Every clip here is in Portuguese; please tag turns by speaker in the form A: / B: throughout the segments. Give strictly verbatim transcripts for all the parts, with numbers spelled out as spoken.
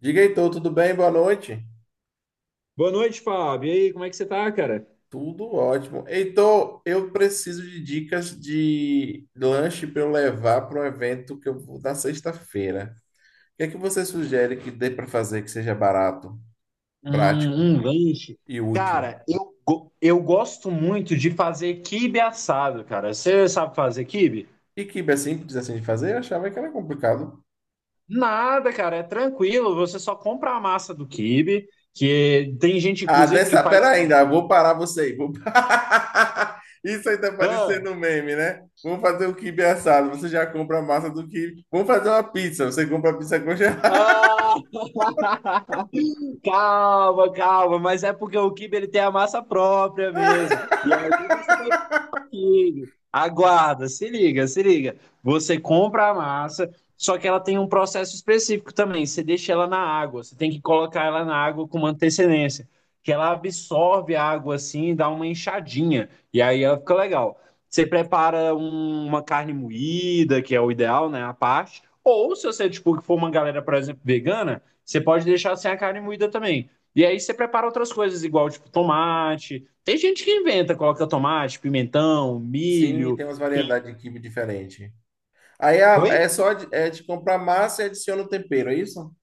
A: Diga, Heitor, tudo bem? Boa noite.
B: Boa noite, Fábio. E aí, como é que você tá, cara?
A: Tudo ótimo. Heitor, eu preciso de dicas de lanche para eu levar para um evento que eu vou na sexta-feira. O que é que você sugere que dê para fazer que seja barato,
B: Hum,
A: prático
B: um lanche.
A: e útil?
B: Cara, eu, go- eu gosto muito de fazer quibe assado, cara. Você sabe fazer quibe?
A: E que é simples assim de fazer? Eu achava que era complicado.
B: Nada, cara, é tranquilo. Você só compra a massa do quibe, que tem gente,
A: Ah,
B: inclusive, que
A: dessa, pera
B: faz.
A: ainda, vou parar você aí. Vou parar. Isso aí tá
B: Ah,
A: parecendo um meme, né? Vamos fazer o quibe assado. Você já compra a massa do quibe. Vamos fazer uma pizza. Você compra a pizza congelada.
B: ah, calma, calma, mas é porque o quibe ele tem a massa própria mesmo. E aí você vai liga, aguarda, se liga, se liga. Você compra a massa, só que ela tem um processo específico também. Você deixa ela na água, você tem que colocar ela na água com uma antecedência, que ela absorve a água assim e dá uma enxadinha, e aí ela fica legal. Você prepara um- uma carne moída, que é o ideal, né? A parte. Ou se você, tipo, for uma galera, por exemplo, vegana, você pode deixar sem a carne moída também. E aí você prepara outras coisas, igual, tipo, tomate, tem gente que inventa, coloca tomate, pimentão,
A: Sim,
B: milho.
A: tem umas
B: que-
A: variedades de quibe diferente. Aí a-
B: Oi?
A: é só de, é de comprar massa e adiciona o tempero, é isso?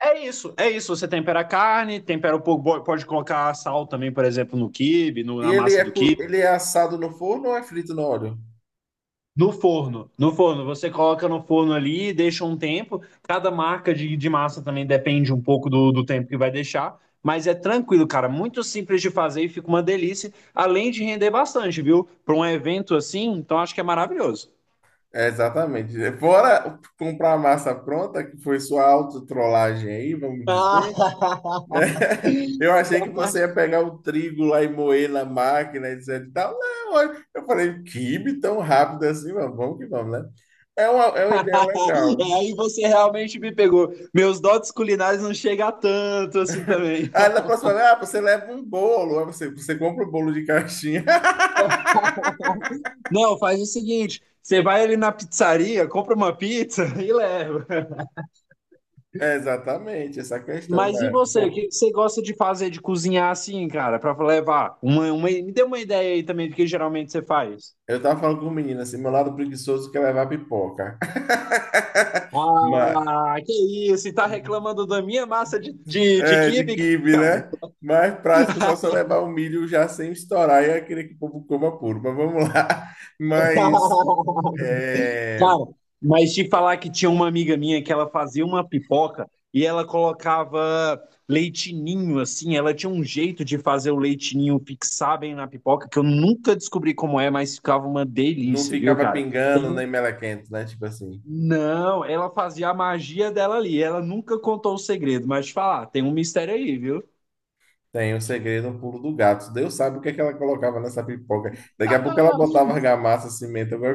B: É isso, é isso. Você tempera a carne, tempera um pouco, bo- pode colocar sal também, por exemplo, no quibe, no-
A: E
B: na
A: ele
B: massa
A: é,
B: do
A: cu-
B: quibe.
A: ele é assado no forno ou é frito no óleo?
B: No forno, no forno, você coloca no forno ali, deixa um tempo. Cada marca de, de massa também depende um pouco do, do tempo que vai deixar, mas é tranquilo, cara. Muito simples de fazer e fica uma delícia, além de render bastante, viu? Para um evento assim, então acho que é maravilhoso.
A: É, exatamente. Fora comprar a massa pronta, que foi sua autotrollagem aí, vamos dizer, né? Eu achei que
B: Ah,
A: você ia pegar o trigo lá e moer na máquina, etc e tal. Não, olha, eu falei, quibe tão rápido assim, mas vamos que vamos, né? É uma, é uma ideia legal.
B: é. Aí você realmente me pegou. Meus dotes culinários não chegam a tanto assim também.
A: Aí na próxima, ah, você leva um bolo, aí você, você compra o bolo de caixinha.
B: Não, faz o seguinte: você vai ali na pizzaria, compra uma pizza e leva.
A: É exatamente, essa questão,
B: Mas e
A: né?
B: você? O que
A: Eu
B: que você gosta de fazer, de cozinhar assim, cara, pra levar? Uma, uma- me dê uma ideia aí também do que geralmente você faz.
A: eu tava falando com o menino assim, meu lado preguiçoso quer levar pipoca. Mas,
B: Ah, que isso, e tá reclamando da minha massa de, de, de
A: é, de
B: quibe,
A: quibe,
B: cara?
A: né? Mais prático só só levar o milho já sem estourar e é aquele que o povo coma puro, mas vamos lá. Mas é,
B: Cara, mas te falar que tinha uma amiga minha que ela fazia uma pipoca e ela colocava leitinho, assim, ela tinha um jeito de fazer o leitinho fixar bem na pipoca, que eu nunca descobri como é, mas ficava uma
A: não
B: delícia, viu,
A: ficava
B: cara?
A: pingando nem
B: Tem-
A: melequento, né? Tipo assim,
B: Não, ela fazia a magia dela ali, ela nunca contou o segredo, mas te falar, tem um mistério aí, viu?
A: tem o segredo, o pulo do gato. Deus sabe o que é que ela colocava nessa pipoca. Daqui a pouco ela botava argamassa, cimento, alguma.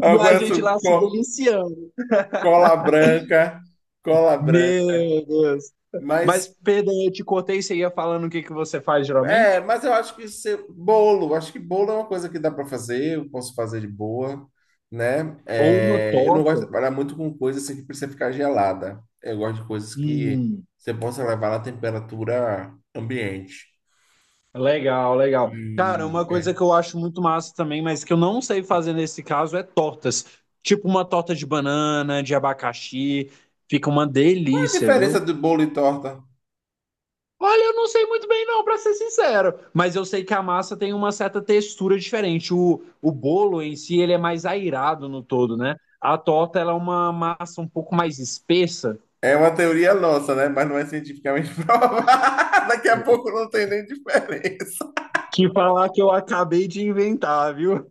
A: Eu
B: E a gente
A: conheço
B: lá se
A: co-
B: deliciando.
A: cola branca, cola branca.
B: Meu Deus. Mas,
A: Mas
B: Pedro, eu te cortei, você ia falando o que que você faz
A: é,
B: geralmente?
A: mas eu acho que se- bolo, acho que bolo é uma coisa que dá para fazer, eu posso fazer de boa, né?
B: Ou uma
A: É, eu não
B: torta.
A: gosto de trabalhar muito com coisas assim que precisa ficar gelada. Eu gosto de coisas que
B: Hum,
A: você possa levar na temperatura ambiente.
B: legal, legal. Cara, uma
A: E é.
B: coisa que eu acho muito massa também, mas que eu não sei fazer nesse caso, é tortas. Tipo uma torta de banana, de abacaxi. Fica uma
A: Qual é a
B: delícia,
A: diferença
B: viu?
A: do bolo e torta?
B: Olha, eu não sei muito bem não, pra ser sincero. Mas eu sei que a massa tem uma certa textura diferente. O, o bolo em si, ele é mais airado no todo, né? A torta, ela é uma massa um pouco mais espessa.
A: É uma teoria nossa, né? Mas não é cientificamente provada. Daqui a pouco não tem nem diferença.
B: Que falar que eu acabei de inventar, viu?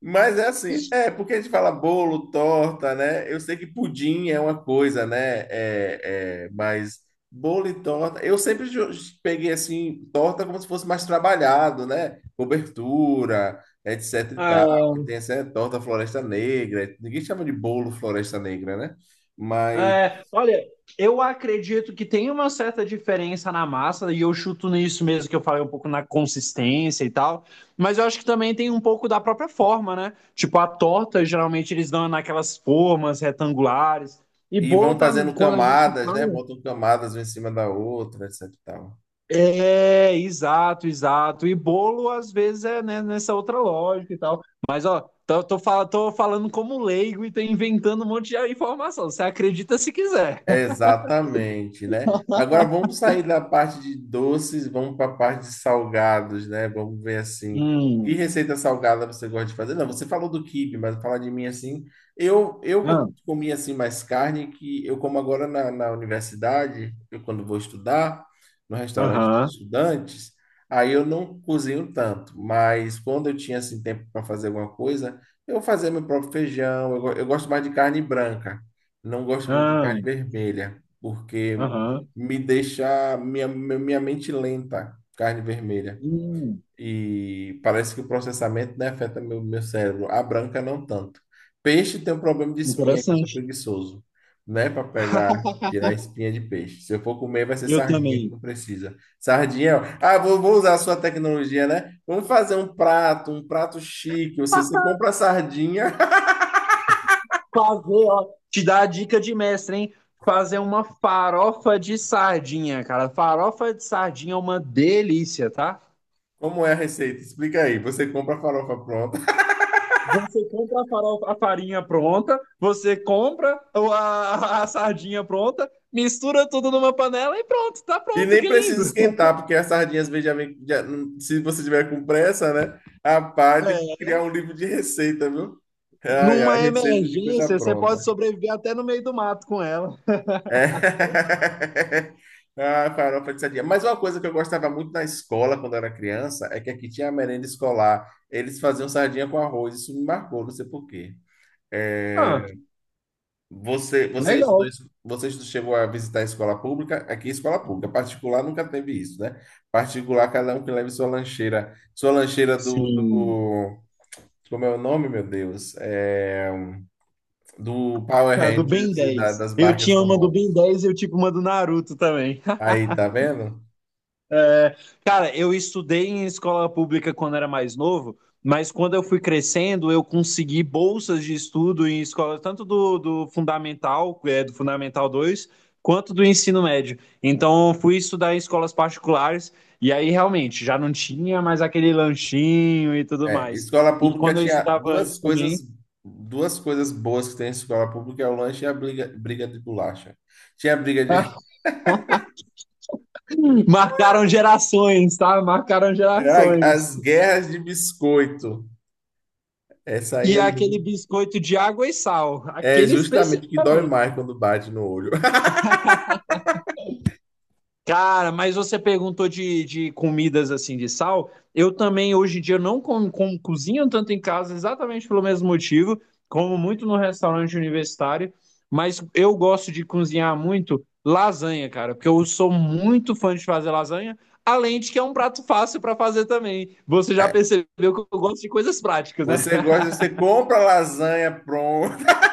A: Mas é assim, é, porque a gente fala bolo, torta, né? Eu sei que pudim é uma coisa, né? É, é, mas bolo e torta, eu sempre ju- peguei assim, torta como se fosse mais trabalhado, né? Cobertura, etc e tal, que tem essa torta Floresta Negra, ninguém chama de bolo Floresta Negra, né? Mas,
B: É, olha, eu acredito que tem uma certa diferença na massa, e eu chuto nisso mesmo que eu falei um pouco na consistência e tal, mas eu acho que também tem um pouco da própria forma, né? Tipo, a torta, geralmente eles dão naquelas formas retangulares, e
A: e
B: bolo
A: vão
B: tá,
A: fazendo
B: quando a gente
A: camadas,
B: fala.
A: né? Botam camadas uma em cima da outra, etc e tal.
B: É, exato, exato. E bolo, às vezes, é né, nessa outra lógica e tal. Mas, ó, tô, tô, fal- tô falando como leigo e tô inventando um monte de informação. Você acredita se quiser.
A: Exatamente, né? Agora vamos sair da parte de doces, vamos para a parte de salgados, né? Vamos ver assim, que
B: Hum.
A: receita salgada você gosta de fazer? Não, você falou do quibe, mas falar de mim assim, eu eu quando comia assim mais carne, que eu como agora na, na universidade, eu quando vou estudar, no restaurante dos
B: Aham,
A: estudantes, aí eu não cozinho tanto, mas quando eu tinha assim tempo para fazer alguma coisa, eu fazia meu próprio feijão, eu, go- eu gosto mais de carne branca. Não gosto muito de
B: ah,
A: carne vermelha, porque
B: aham.
A: me deixa minha, minha mente lenta, carne vermelha.
B: Hum,
A: E parece que o processamento, né, afeta meu, meu cérebro. A branca não tanto. Peixe tem um problema de espinha, que eu sou
B: interessante.
A: preguiçoso, né, para pegar, tirar a espinha de peixe. Se eu for comer, vai ser
B: Eu
A: sardinha que
B: também.
A: não precisa. Sardinha, ó. ah, vou, vou usar a sua tecnologia, né? Vamos fazer um prato, um prato chique. Você, você compra a sardinha.
B: Fazer, ó. Te dá a dica de mestre, hein? Fazer uma farofa de sardinha, cara. Farofa de sardinha é uma delícia, tá?
A: Como é a receita? Explica aí. Você compra a farofa pronta.
B: Você compra a farofa, a farinha pronta, você compra o- a, a sardinha pronta, mistura tudo numa panela e pronto, tá
A: E
B: pronto,
A: nem
B: que
A: precisa
B: lindo.
A: esquentar, porque as sardinhas Benjamin, já- se você tiver com pressa, né? Rapaz, tem que
B: É,
A: criar um livro de receita, viu? Ai, ai,
B: numa
A: receita de coisa
B: emergência, você pode
A: pronta.
B: sobreviver até no meio do mato com ela.
A: É. Ah, farofa de sardinha. Mas uma coisa que eu gostava muito na escola, quando eu era criança, é que aqui tinha a merenda escolar. Eles faziam sardinha com arroz. Isso me marcou, não sei por quê. É.
B: Ah,
A: Você, você estudou
B: legal.
A: isso- você estu- chegou a visitar a escola pública? Aqui, é escola pública. Particular nunca teve isso, né? Particular, cada um que leve sua lancheira. Sua lancheira do,
B: Sim.
A: do- Como é o nome, meu Deus? É, do Power
B: Ah, do Ben
A: Rangers e da-
B: dez
A: das
B: Eu
A: marcas
B: tinha uma do Ben
A: famosas.
B: dez e eu tinha uma do Naruto também.
A: Aí, tá vendo?
B: É, cara, eu estudei em escola pública quando era mais novo, mas quando eu fui crescendo, eu consegui bolsas de estudo em escola, tanto do, do Fundamental, é, do Fundamental dois quanto do ensino médio. Então, eu fui estudar em escolas particulares e aí realmente já não tinha mais aquele lanchinho e tudo
A: É,
B: mais.
A: escola
B: E
A: pública
B: quando eu
A: tinha
B: estudava
A: duas
B: antes também.
A: coisas, duas coisas boas que tem em escola pública, é o lanche e a briga, briga de bolacha. Tinha briga de...
B: Marcaram gerações, tá? Marcaram
A: Ai,
B: gerações.
A: as guerras de biscoito. Essa aí
B: E
A: é
B: aquele
A: muito.
B: biscoito de água e sal,
A: É
B: aquele
A: justamente o que dói
B: especificamente.
A: mais quando bate no olho.
B: Cara, mas você perguntou de, de comidas assim de sal. Eu também hoje em dia não com, com- cozinho tanto em casa, exatamente pelo mesmo motivo, como muito no restaurante universitário, mas eu gosto de cozinhar muito lasanha, cara, porque eu sou muito fã de fazer lasanha, além de que é um prato fácil para fazer também. Você já
A: É.
B: percebeu que eu gosto de coisas práticas, né?
A: Você gosta, você compra lasanha pronta,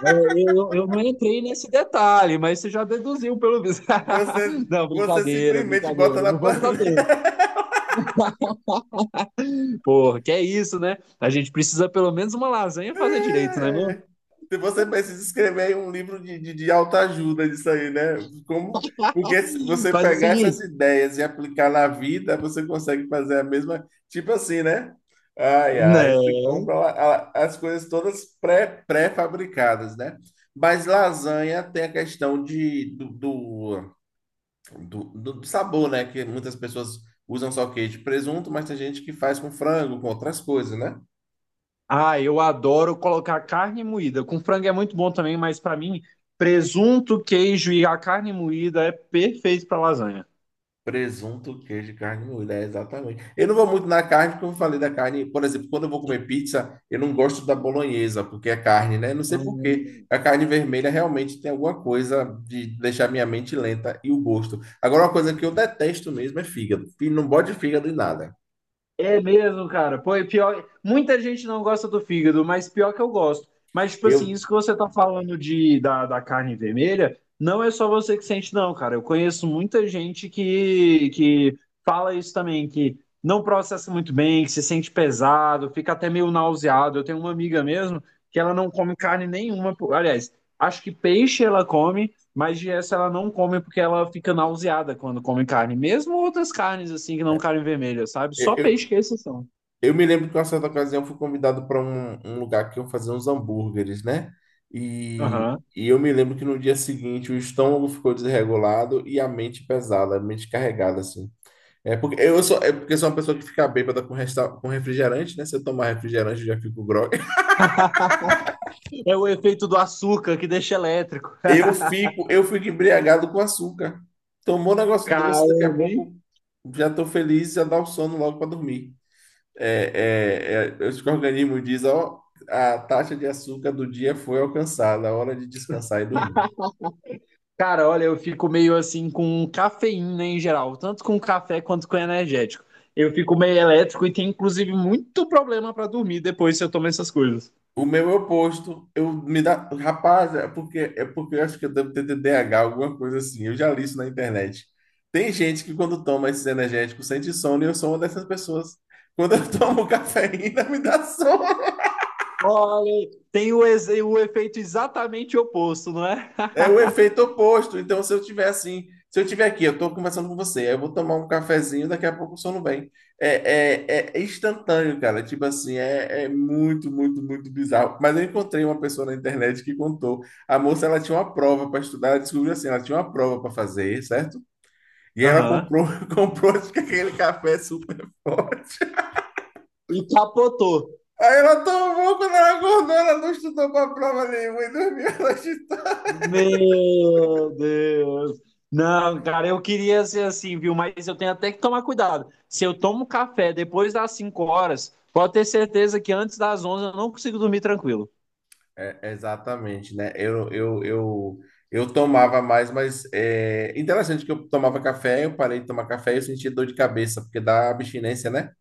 B: É. Eu, eu não entrei nesse detalhe, mas você já deduziu pelo visto.
A: você,
B: Não,
A: você
B: brincadeira,
A: simplesmente bota
B: brincadeira.
A: na
B: Não vamos a
A: panela.
B: tempo. Porra, que é isso, né? A gente precisa pelo menos uma lasanha fazer direito, né, mesmo?
A: É, se você precisa escrever um livro de, de, de autoajuda disso aí, né? Como, porque se você
B: Faz o
A: pegar essas
B: seguinte,
A: ideias e aplicar na vida, você consegue fazer a mesma, tipo assim, né? Ai, ai, você
B: né?
A: compra a- a- as coisas todas pré, pré-fabricadas, né? Mas lasanha tem a questão de, do, do, do, do sabor, né? Que muitas pessoas usam só queijo e presunto, mas tem gente que faz com frango, com outras coisas, né?
B: Ah, eu adoro colocar carne moída. Com frango é muito bom também, mas pra mim, presunto, queijo e a carne moída é perfeito pra lasanha.
A: Presunto, queijo, e carne moída, é exatamente. Eu não vou muito na carne, porque eu falei da carne. Por exemplo, quando eu vou comer pizza, eu não gosto da bolonhesa, porque é carne, né? Não sei por quê. A carne vermelha realmente tem alguma coisa de deixar minha mente lenta e o gosto. Agora, uma coisa que eu detesto mesmo é fígado. Fí- Não bode fígado em nada.
B: É mesmo, cara. Pô, e pior. Muita gente não gosta do fígado, mas pior que eu gosto. Mas, tipo assim,
A: Eu,
B: isso que você tá falando de, da, da carne vermelha, não é só você que sente, não, cara. Eu conheço muita gente que, que fala isso também, que não processa muito bem, que se sente pesado, fica até meio nauseado. Eu tenho uma amiga mesmo que ela não come carne nenhuma. Pô, aliás, acho que peixe ela come, mas de essa ela não come porque ela fica nauseada quando come carne. Mesmo outras carnes, assim, que não carne vermelha, sabe? Só peixe
A: eu,
B: que é exceção.
A: Eu me lembro que uma certa ocasião fui convidado para um, um lugar que eu fazia uns hambúrgueres, né? E,
B: Aham.
A: e eu me lembro que no dia seguinte o estômago ficou desregulado e a mente pesada, a mente carregada, assim. É porque eu sou, é porque eu sou uma pessoa que fica bêbada com, resta, com refrigerante, né? Se eu tomar refrigerante, eu já fico grogue.
B: É o efeito do açúcar que deixa elétrico.
A: Eu fico, eu fico embriagado com açúcar. Tomou um negócio doce, daqui a
B: Caramba, hein?
A: pouco já tô feliz, já dá o sono logo para dormir. É, é, é, o organismo diz, ó, a taxa de açúcar do dia foi alcançada, a hora de descansar e dormir.
B: Cara, olha, eu fico meio assim com cafeína em geral, tanto com café quanto com energético. Eu fico meio elétrico e tenho, inclusive, muito problema para dormir depois se eu tomar essas coisas.
A: O meu é o oposto, eu me dá, rapaz, é porque é porque eu acho que eu devo ter T D A H, alguma coisa assim. Eu já li isso na internet. Tem gente que quando toma esses energéticos sente sono e eu sou uma dessas pessoas. Quando eu tomo cafeína, me dá sono.
B: Olha, tem o, ex- o efeito exatamente oposto, não é?
A: É o efeito oposto. Então, se eu tiver assim, se eu tiver aqui, eu estou conversando com você, aí eu vou tomar um cafezinho, daqui a pouco o sono vem. É, é, é instantâneo, cara. É Tipo assim, é, é muito, muito, muito bizarro. Mas eu encontrei uma pessoa na internet que contou. A moça, ela tinha uma prova para estudar, ela descobriu assim, ela tinha uma prova para fazer, certo? E ela
B: Aham.
A: comprou, comprou aquele café super forte.
B: E capotou.
A: Aí ela tomou, quando ela acordou, ela não estudou para a prova nenhuma e dormiu a noite.
B: Meu Deus! Não, cara, eu queria ser assim, viu? Mas eu tenho até que tomar cuidado. Se eu tomo café depois das cinco horas, pode ter certeza que antes das onze eu não consigo dormir tranquilo.
A: É, exatamente, né? Eu, eu, eu, eu tomava mais, mas é interessante que eu tomava café, eu parei de tomar café e eu senti dor de cabeça, porque dá abstinência, né?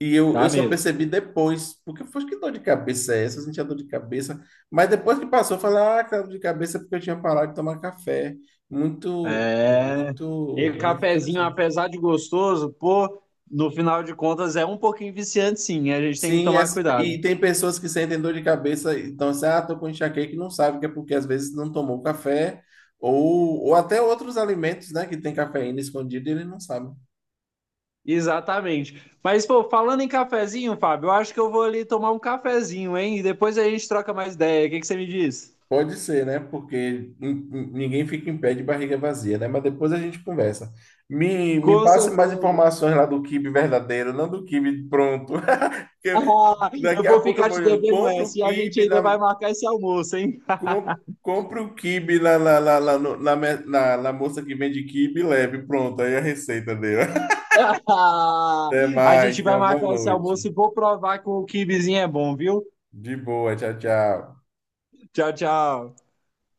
A: E eu,
B: Dá
A: eu só
B: medo.
A: percebi depois, porque eu falei, que dor de cabeça é essa? Eu sentia dor de cabeça. Mas depois que passou, eu falei, ah, que dor de cabeça é porque eu tinha parado de tomar café. Muito,
B: É. E
A: muito, muito
B: cafezinho,
A: interessante.
B: apesar de gostoso, pô, no final de contas é um pouquinho viciante, sim. A gente tem que
A: Sim,
B: tomar
A: as-
B: cuidado.
A: e tem pessoas que sentem dor de cabeça, então assim, ah, tô com enxaqueca e não sabe que é porque às vezes não tomou café ou, ou até outros alimentos, né, que tem cafeína escondida e ele não sabe.
B: Exatamente. Mas, pô, falando em cafezinho, Fábio, eu acho que eu vou ali tomar um cafezinho, hein? E depois a gente troca mais ideia. O que que você me diz?
A: Pode ser, né, porque nin- nin- ninguém fica em pé de barriga vazia, né, mas depois a gente conversa. Me, me
B: Com
A: passe mais
B: certeza.
A: informações lá do quibe verdadeiro, não do quibe pronto. Porque
B: Ah, eu
A: daqui a
B: vou
A: pouco eu
B: ficar
A: vou,
B: te
A: eu
B: devendo
A: compro o
B: essa e a gente
A: quibe
B: ainda
A: na.
B: vai marcar esse almoço, hein?
A: Com- Compre o quibe lá lá lá lá no- na, me- na- na moça que vende quibe e leve. Pronto, aí a receita dele. Até
B: A
A: mais,
B: gente
A: tenha
B: vai
A: uma boa
B: marcar esse almoço
A: noite.
B: e vou provar que o kibizinho é bom, viu?
A: De boa, tchau, tchau.
B: Tchau, tchau.